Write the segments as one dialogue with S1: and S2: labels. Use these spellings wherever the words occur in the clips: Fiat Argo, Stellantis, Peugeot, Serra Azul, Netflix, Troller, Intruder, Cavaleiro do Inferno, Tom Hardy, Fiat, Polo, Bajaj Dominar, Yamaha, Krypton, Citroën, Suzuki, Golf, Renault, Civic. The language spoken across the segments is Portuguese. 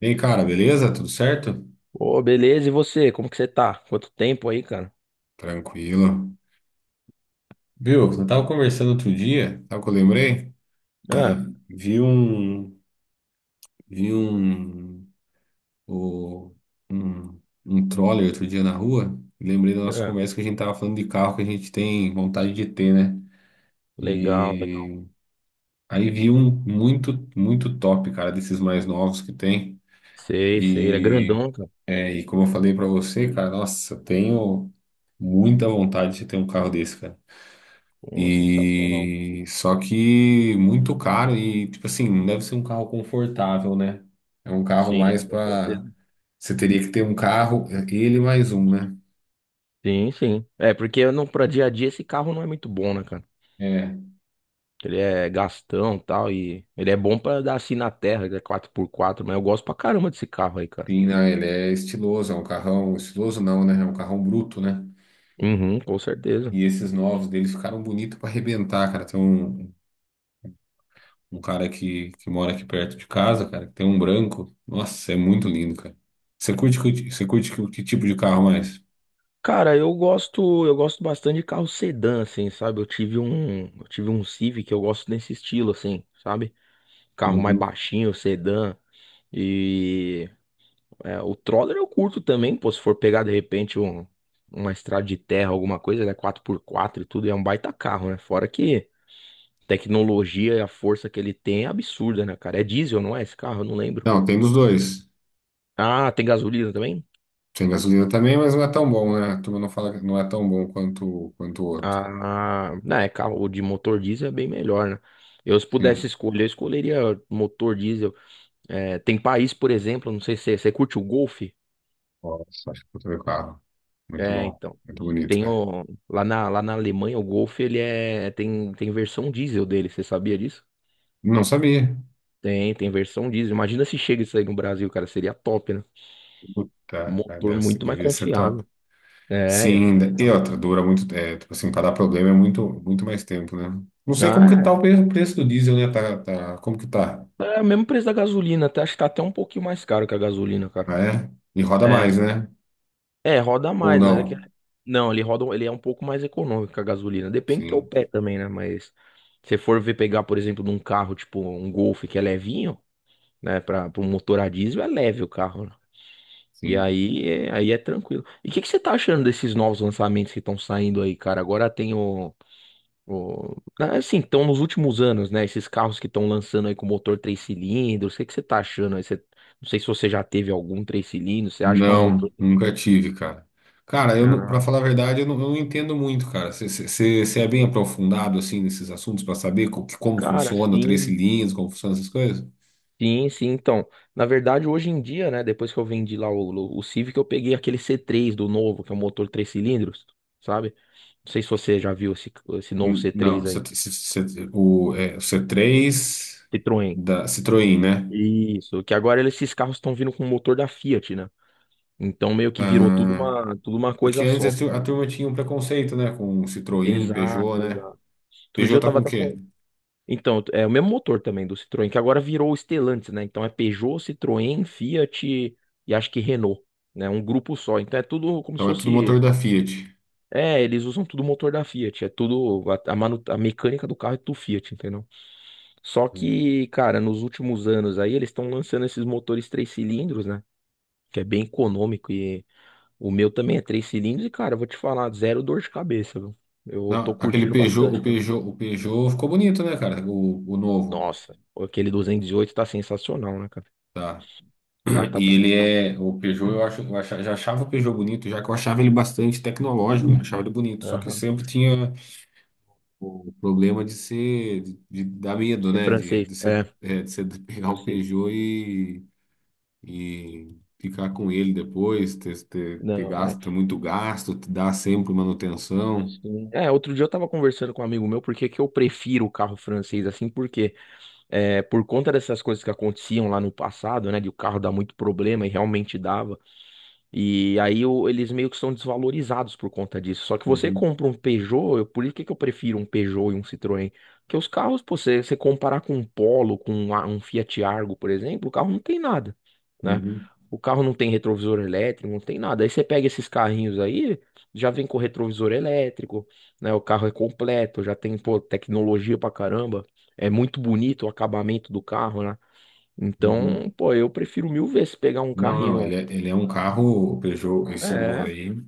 S1: E aí, cara, beleza? Tudo certo?
S2: Ô, beleza, e você? Como que você tá? Quanto tempo aí, cara?
S1: Tranquilo. Viu, eu tava conversando outro dia, sabe o que eu lembrei?
S2: É,
S1: Vi um, vi um, o- um, um troller outro dia na rua, e lembrei da nossa
S2: é.
S1: conversa que a gente tava falando de carro que a gente tem vontade de ter, né?
S2: Legal, legal.
S1: E aí vi um muito, muito top, cara, desses mais novos que tem.
S2: Sei, sei. Ele é
S1: E,
S2: grandão, cara.
S1: e como eu falei pra você, cara, nossa, eu tenho muita vontade de ter um carro desse, cara.
S2: Pô, sensacional.
S1: E só que muito caro e tipo assim, não deve ser um carro confortável, né? É um carro mais
S2: Sim, com
S1: para
S2: certeza.
S1: você teria que ter um carro, é, ele mais um, né?
S2: Sim, sim. É, porque eu não, pra dia a dia esse carro não é muito bom, né, cara?
S1: É,
S2: Ele é gastão e tal, e ele é bom pra dar assim na terra, ele é quatro por quatro. Mas eu gosto pra caramba desse carro aí, cara.
S1: sim, né? Ele é estiloso, é um carrão estiloso não, né? É um carrão bruto, né?
S2: Uhum, com certeza.
S1: E esses novos deles ficaram bonitos para arrebentar, cara. Tem um, um cara que mora aqui perto de casa, cara, que tem um branco. Nossa, é muito lindo, cara. Você curte que tipo de carro mais?
S2: Cara, eu gosto bastante de carro sedã, assim, sabe? Eu tive um Civic, eu gosto desse estilo, assim, sabe? Carro mais
S1: Uhum.
S2: baixinho, sedã. E é, o Troller eu curto também, pô. Se for pegar de repente uma estrada de terra, alguma coisa, ele é quatro por quatro e tudo, é um baita carro, né? Fora que tecnologia e a força que ele tem é absurda, né, cara? É diesel, não é esse carro? Eu não lembro.
S1: Não, tem dos dois.
S2: Ah, tem gasolina também?
S1: Tem gasolina também, mas não é tão bom, né? A turma não fala que não é tão bom quanto, quanto o outro.
S2: Ah, não, é carro de motor diesel é bem melhor, né? Eu, se pudesse
S1: Sim.
S2: escolher, eu escolheria motor diesel. É, tem país, por exemplo, não sei se você curte o Golf.
S1: Nossa, acho que eu tô vendo o carro. Muito
S2: É,
S1: bom.
S2: então.
S1: Muito bonito,
S2: Tem
S1: velho.
S2: o, lá na Alemanha, o Golf, tem versão diesel dele, você sabia disso?
S1: Não sabia.
S2: Tem versão diesel. Imagina se chega isso aí no Brasil, cara, seria top, né?
S1: Puta, cara,
S2: Motor
S1: deve ser,
S2: muito mais
S1: devia ser top.
S2: confiável. É, ia
S1: Sim,
S2: ser
S1: e
S2: legal.
S1: outra, dura muito. É, tipo assim, pra dar problema é muito, muito mais tempo, né? Não sei como que tá
S2: Ah,
S1: o pre- preço do diesel, né? Tá, tá, como que tá?
S2: é, é o mesmo preço da gasolina, até, acho que tá até um pouquinho mais caro que a gasolina, cara.
S1: Ah, é? E roda
S2: É,
S1: mais,
S2: sim.
S1: né?
S2: É, roda
S1: Ou
S2: mais, mas é que.
S1: não?
S2: Não, ele roda, ele é um pouco mais econômico que a gasolina. Depende do teu
S1: Sim,
S2: pé também, né? Mas se você for ver pegar, por exemplo, num carro, tipo um Golf que é levinho, né? Pra um motor a diesel, é leve o carro, né? E
S1: sim.
S2: aí é tranquilo. E o que você tá achando desses novos lançamentos que estão saindo aí, cara? Agora tem ah, assim, estão nos últimos anos, né? Esses carros que estão lançando aí com motor três cilindros. O que você tá achando aí? Você... Não sei se você já teve algum três cilindros. Você acha que é um
S1: Não,
S2: motor...
S1: nunca tive, cara. Cara, não- pra
S2: Ah,
S1: falar a verdade, eu não entendo muito, cara. Você é bem aprofundado, assim, nesses assuntos pra saber co- que- como
S2: cara,
S1: funciona o três
S2: sim.
S1: cilindros, como funcionam essas coisas?
S2: Sim, sim. Então, na verdade, hoje em dia, né? Depois que eu vendi lá o Civic, eu peguei aquele c três do novo, que é um motor três cilindros, sabe? Não sei se você já viu esse novo
S1: N-
S2: c
S1: Não,
S2: três
S1: cê-
S2: aí.
S1: cê- cê- o, é, o c três
S2: Citroën.
S1: da Citroën, né?
S2: Isso, que agora esses carros estão vindo com o motor da Fiat, né? Então meio que virou tudo
S1: Ah,
S2: uma
S1: porque
S2: coisa só.
S1: antes a tur- a turma tinha um preconceito, né? Com Citroën,
S2: Exato,
S1: Peugeot, né?
S2: exato. Outro dia
S1: Peugeot
S2: eu
S1: tá
S2: tava
S1: com o
S2: até
S1: quê?
S2: com. Então, é o mesmo motor também do Citroën, que agora virou o Stellantis, né? Então é Peugeot, Citroën, Fiat e acho que Renault, né? Um grupo só. Então é tudo como se
S1: Então é tudo
S2: fosse.
S1: motor da Fiat.
S2: É, eles usam tudo o motor da Fiat. É tudo. A mecânica do carro é tudo Fiat, entendeu? Só que, cara, nos últimos anos aí eles estão lançando esses motores três cilindros, né? Que é bem econômico e O meu também é três cilindros e, cara, eu vou te falar, zero dor de cabeça, viu? Eu tô
S1: Não, aquele
S2: curtindo
S1: Peugeot,
S2: bastante, cara.
S1: O Peugeot ficou bonito, né, cara? O novo.
S2: Nossa, aquele 208 tá sensacional, né, cara?
S1: Tá?
S2: Ele lá tá
S1: E ele
S2: bonitão.
S1: é, o Peugeot, eu acho, eu acha- já achava o Peugeot bonito, já que eu achava ele bastante tecnológico, eu achava ele bonito, só que
S2: Aham.
S1: sempre tinha o problema de ser, de dar medo,
S2: Isso é
S1: né? De
S2: francês.
S1: ser,
S2: É,
S1: é, de você pegar um
S2: francês.
S1: Peugeot e ficar com ele depois, ter, ter, ter
S2: Não, é.
S1: gasto, ter muito gasto, te dar sempre manutenção.
S2: Sim. É, outro dia eu tava conversando com um amigo meu porque que eu prefiro o carro francês assim, porque é, por conta dessas coisas que aconteciam lá no passado, né, de o carro dar muito problema e realmente dava. E aí eles meio que são desvalorizados por conta disso. Só que você
S1: Uhum,
S2: compra um Peugeot, por isso que eu prefiro um Peugeot e um Citroën. Porque os carros, pô, você comparar com um Polo, com um Fiat Argo, por exemplo, o carro não tem nada, né?
S1: uhum,
S2: O carro não tem retrovisor elétrico, não tem nada. Aí você pega esses carrinhos aí, já vem com retrovisor elétrico, né? O carro é completo, já tem, pô, tecnologia pra caramba. É muito bonito o acabamento do carro, né?
S1: uhum.
S2: Então, pô, eu prefiro mil vezes pegar um
S1: Não, não,
S2: carrinho.
S1: ele é um carro, o Peugeot, esse novo
S2: É.
S1: aí. O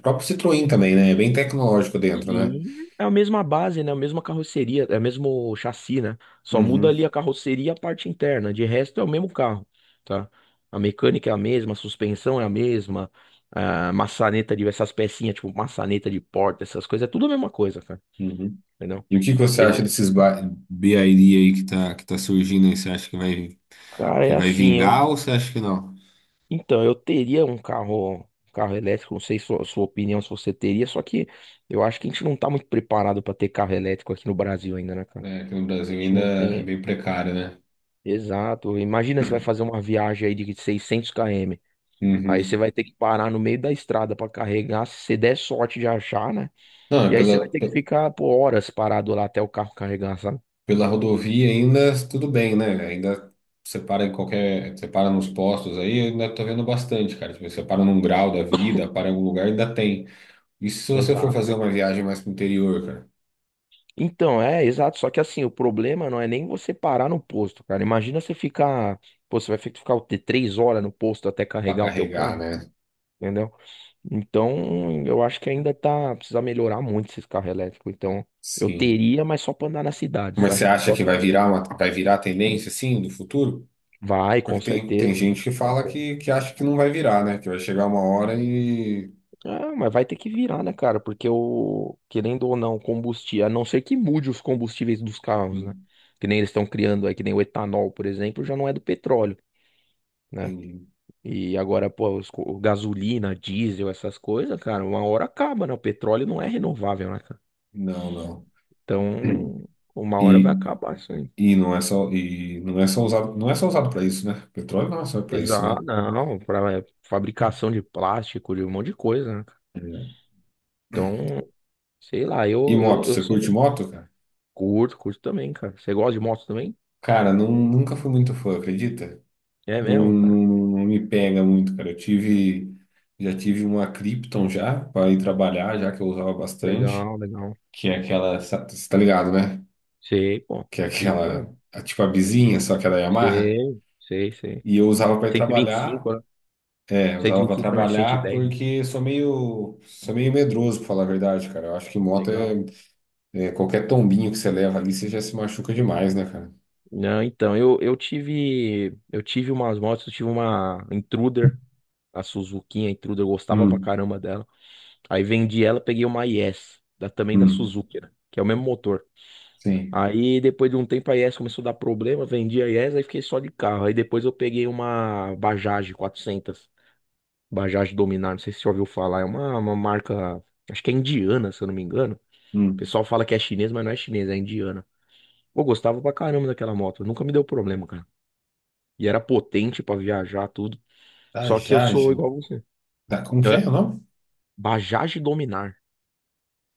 S1: próprio Citroën também, né? É bem tecnológico dentro, né?
S2: Sim, é a mesma base, né? A mesma carroceria, é o mesmo chassi, né? Só muda
S1: Uhum,
S2: ali a carroceria e a parte interna. De resto é o mesmo carro, tá? A mecânica é a mesma, a suspensão é a mesma, a maçaneta de essas pecinhas, tipo maçaneta de porta, essas coisas, é tudo a mesma coisa, cara.
S1: uhum.
S2: Entendeu?
S1: E o que que você
S2: Você
S1: acha
S2: vê.
S1: desses ba- BID aí que tá surgindo aí? Você acha
S2: Cara,
S1: que
S2: é
S1: vai
S2: assim, eu.
S1: vingar ou você acha que não?
S2: Então, eu teria um carro elétrico, não sei sua opinião se você teria, só que eu acho que a gente não tá muito preparado pra ter carro elétrico aqui no Brasil ainda, né, cara?
S1: É, aqui no
S2: A
S1: Brasil
S2: gente
S1: ainda
S2: não
S1: é
S2: tem.
S1: bem precário, né?
S2: Exato. Imagina você vai fazer uma viagem aí de 600 km. Aí você
S1: Uhum.
S2: vai ter que parar no meio da estrada para carregar, se você der sorte de achar, né?
S1: Não, é
S2: E aí você vai
S1: pela,
S2: ter que
S1: pe-
S2: ficar por horas parado lá até o carro carregar, sabe?
S1: pela rodovia ainda tudo bem, né? Ainda você para em qualquer. Você para nos postos aí, eu ainda tô vendo bastante, cara. Tipo, você para num grau da vida, para em algum lugar, ainda tem. E se você for
S2: Exato.
S1: fazer uma viagem mais pro interior, cara,
S2: Então, é, exato. Só que assim, o problema não é nem você parar no posto, cara. Imagina você ficar, pô, você vai ter que ficar o quê? 3 horas no posto até
S1: pra
S2: carregar o teu
S1: carregar,
S2: carro,
S1: né?
S2: entendeu? Então, eu acho que ainda tá, precisa melhorar muito esses carros elétricos. Então, eu
S1: Sim.
S2: teria, mas só para andar na cidade,
S1: Mas você
S2: sabe?
S1: acha que vai virar uma, vai virar a tendência, assim, do futuro?
S2: Vai,
S1: Porque
S2: com
S1: tem, tem
S2: certeza.
S1: gente que
S2: Com
S1: fala
S2: certeza.
S1: que acha que não vai virar, né? Que vai chegar uma hora e.
S2: Ah, mas vai ter que virar, né, cara? Porque o, querendo ou não, combustível, a não ser que mude os combustíveis dos carros, né?
S1: Hum.
S2: Que nem eles estão criando aí, que nem o etanol, por exemplo, já não é do petróleo, né?
S1: Entendi.
S2: E agora, pô, gasolina, diesel, essas coisas, cara, uma hora acaba, né? O petróleo não é renovável, né, cara?
S1: Não, não.
S2: Então, uma hora
S1: E,
S2: vai acabar isso aí.
S1: e não é só, e não é só usado, não é só usado para isso, né? Petróleo não é só para isso,
S2: Exato,
S1: né?
S2: não, para fabricação de plástico, de um monte de coisa, né?
S1: É.
S2: Então, sei lá,
S1: E
S2: eu, eu,
S1: moto,
S2: eu
S1: você
S2: sou
S1: curte moto, cara?
S2: Curto, curto também, cara. Você gosta de moto também?
S1: Cara, não, nunca fui muito fã, acredita?
S2: É
S1: Não,
S2: mesmo, cara.
S1: não, não me pega muito, cara. Eu tive, já tive uma Krypton já para ir trabalhar, já que eu usava bastante,
S2: Legal, legal.
S1: que é aquela, sa- você tá ligado, né?
S2: Sei, pô.
S1: Que é
S2: Cripto, é.
S1: aquela, a- tipo a bizinha, só que é da Yamaha.
S2: Sei, sei, sei.
S1: E eu usava para ir trabalhar,
S2: 125, né?
S1: é, eu
S2: cento e
S1: usava
S2: vinte
S1: para
S2: e cinco não é
S1: trabalhar
S2: 110, né?
S1: porque sou meio medroso, para falar a verdade, cara. Eu acho que moto
S2: Legal.
S1: é, é qualquer tombinho que você leva ali, você já se machuca demais, né, cara?
S2: Não, então, eu tive umas motos, eu tive uma Intruder, a Suzuki, a Intruder, eu gostava pra
S1: Hum,
S2: caramba dela. Aí vendi ela, peguei uma IS da, também da
S1: hum,
S2: Suzuki, né? Que é o mesmo motor.
S1: sim,
S2: Aí depois de um tempo a IES começou a dar problema, vendi a IES, aí fiquei só de carro. Aí depois eu peguei uma Bajaj 400, Bajaj Dominar, não sei se você já ouviu falar, é uma marca, acho que é indiana, se eu não me engano. O
S1: hum.
S2: pessoal fala que é chinês, mas não é chinês, é indiana. Eu gostava pra caramba daquela moto, nunca me deu problema, cara. E era potente pra viajar, tudo.
S1: Da
S2: Só que eu sou
S1: Jagem.
S2: igual você.
S1: Da, como que
S2: Hã?
S1: é o nome?
S2: Bajaj Dominar.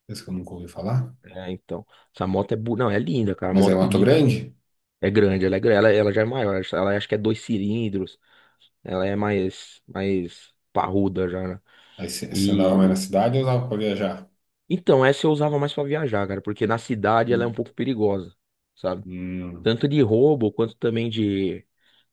S1: Esse que eu nunca ouvi falar.
S2: É, então. Essa moto é, não, é linda, cara,
S1: Mas é
S2: moto
S1: Mato
S2: linda.
S1: Grande?
S2: É grande, ela é grande, ela já é maior, ela acho que é dois cilindros. Ela é mais parruda já, né?
S1: Aí você você andava mais na
S2: E
S1: cidade ou usava para viajar?
S2: então, essa eu usava mais pra viajar, cara, porque na cidade ela é um
S1: Hum,
S2: pouco perigosa, sabe?
S1: hum,
S2: Tanto de roubo quanto também de,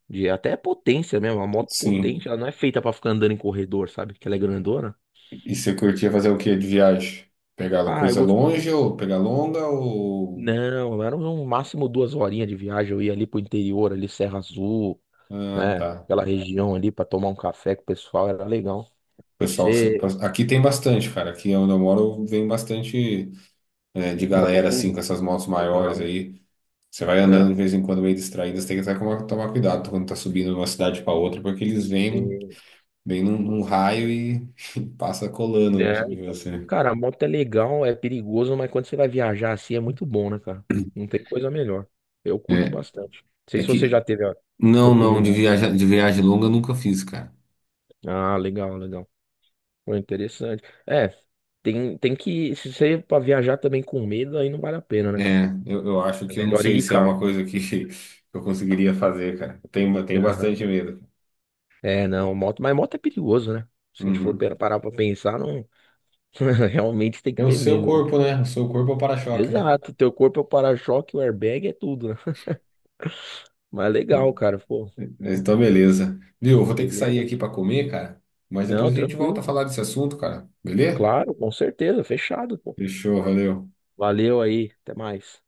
S2: de até potência mesmo. A moto potente,
S1: sim.
S2: ela não é feita pra ficar andando em corredor, sabe? Que ela é grandona.
S1: E você curtia fazer o que de viagem? Pegar
S2: Ah, eu
S1: coisa
S2: gosto.
S1: longe ou pegar longa ou.
S2: Não, era no máximo duas horinhas de viagem. Eu ia ali pro interior, ali Serra Azul,
S1: Ah,
S2: né?
S1: tá.
S2: Aquela região ali pra tomar um café com o pessoal, era legal.
S1: Pessoal,
S2: Você,
S1: aqui tem bastante, cara. Aqui onde eu moro vem bastante é, de galera assim
S2: motoclube?
S1: com essas motos maiores
S2: Legal,
S1: aí. Você vai andando
S2: né?
S1: de vez em quando meio distraído, você tem que até tomar, tomar cuidado quando tá subindo de uma cidade para outra, porque eles vêm
S2: Sim.
S1: bem num, num raio e passa colando né,
S2: Né,
S1: em
S2: então.
S1: você.
S2: Cara, a moto é legal, é perigoso, mas quando você vai viajar assim é muito bom, né, cara? Não tem coisa melhor. Eu curto
S1: É,
S2: bastante. Não sei
S1: é
S2: se você
S1: que
S2: já teve a
S1: não, não,
S2: oportunidade.
S1: de viagem longa eu nunca fiz, cara.
S2: Ah, legal, legal. Foi interessante. É, tem que. Se você ir pra viajar também com medo, aí não vale a pena, né, cara?
S1: Eu acho
S2: É
S1: que eu não
S2: melhor ir
S1: sei
S2: de
S1: se é
S2: carro.
S1: uma coisa que eu conseguiria fazer, cara. Eu tenho
S2: Aham.
S1: bastante medo.
S2: É, não, moto, mas moto é perigoso, né? Se a gente for
S1: Uhum.
S2: parar pra pensar, não. Realmente tem que
S1: É o
S2: ter
S1: seu
S2: medo, né?
S1: corpo, né? O seu corpo é o para-choque, né?
S2: Exato, teu corpo é o para-choque, o airbag é tudo, né? Mas legal, cara, pô.
S1: Então, beleza. Viu? Eu vou ter que sair
S2: Beleza.
S1: aqui para comer, cara. Mas depois
S2: Não,
S1: a gente volta
S2: tranquilo,
S1: a
S2: pô.
S1: falar desse assunto, cara. Beleza?
S2: Claro, com certeza, fechado, pô.
S1: Fechou, valeu.
S2: Valeu aí, até mais.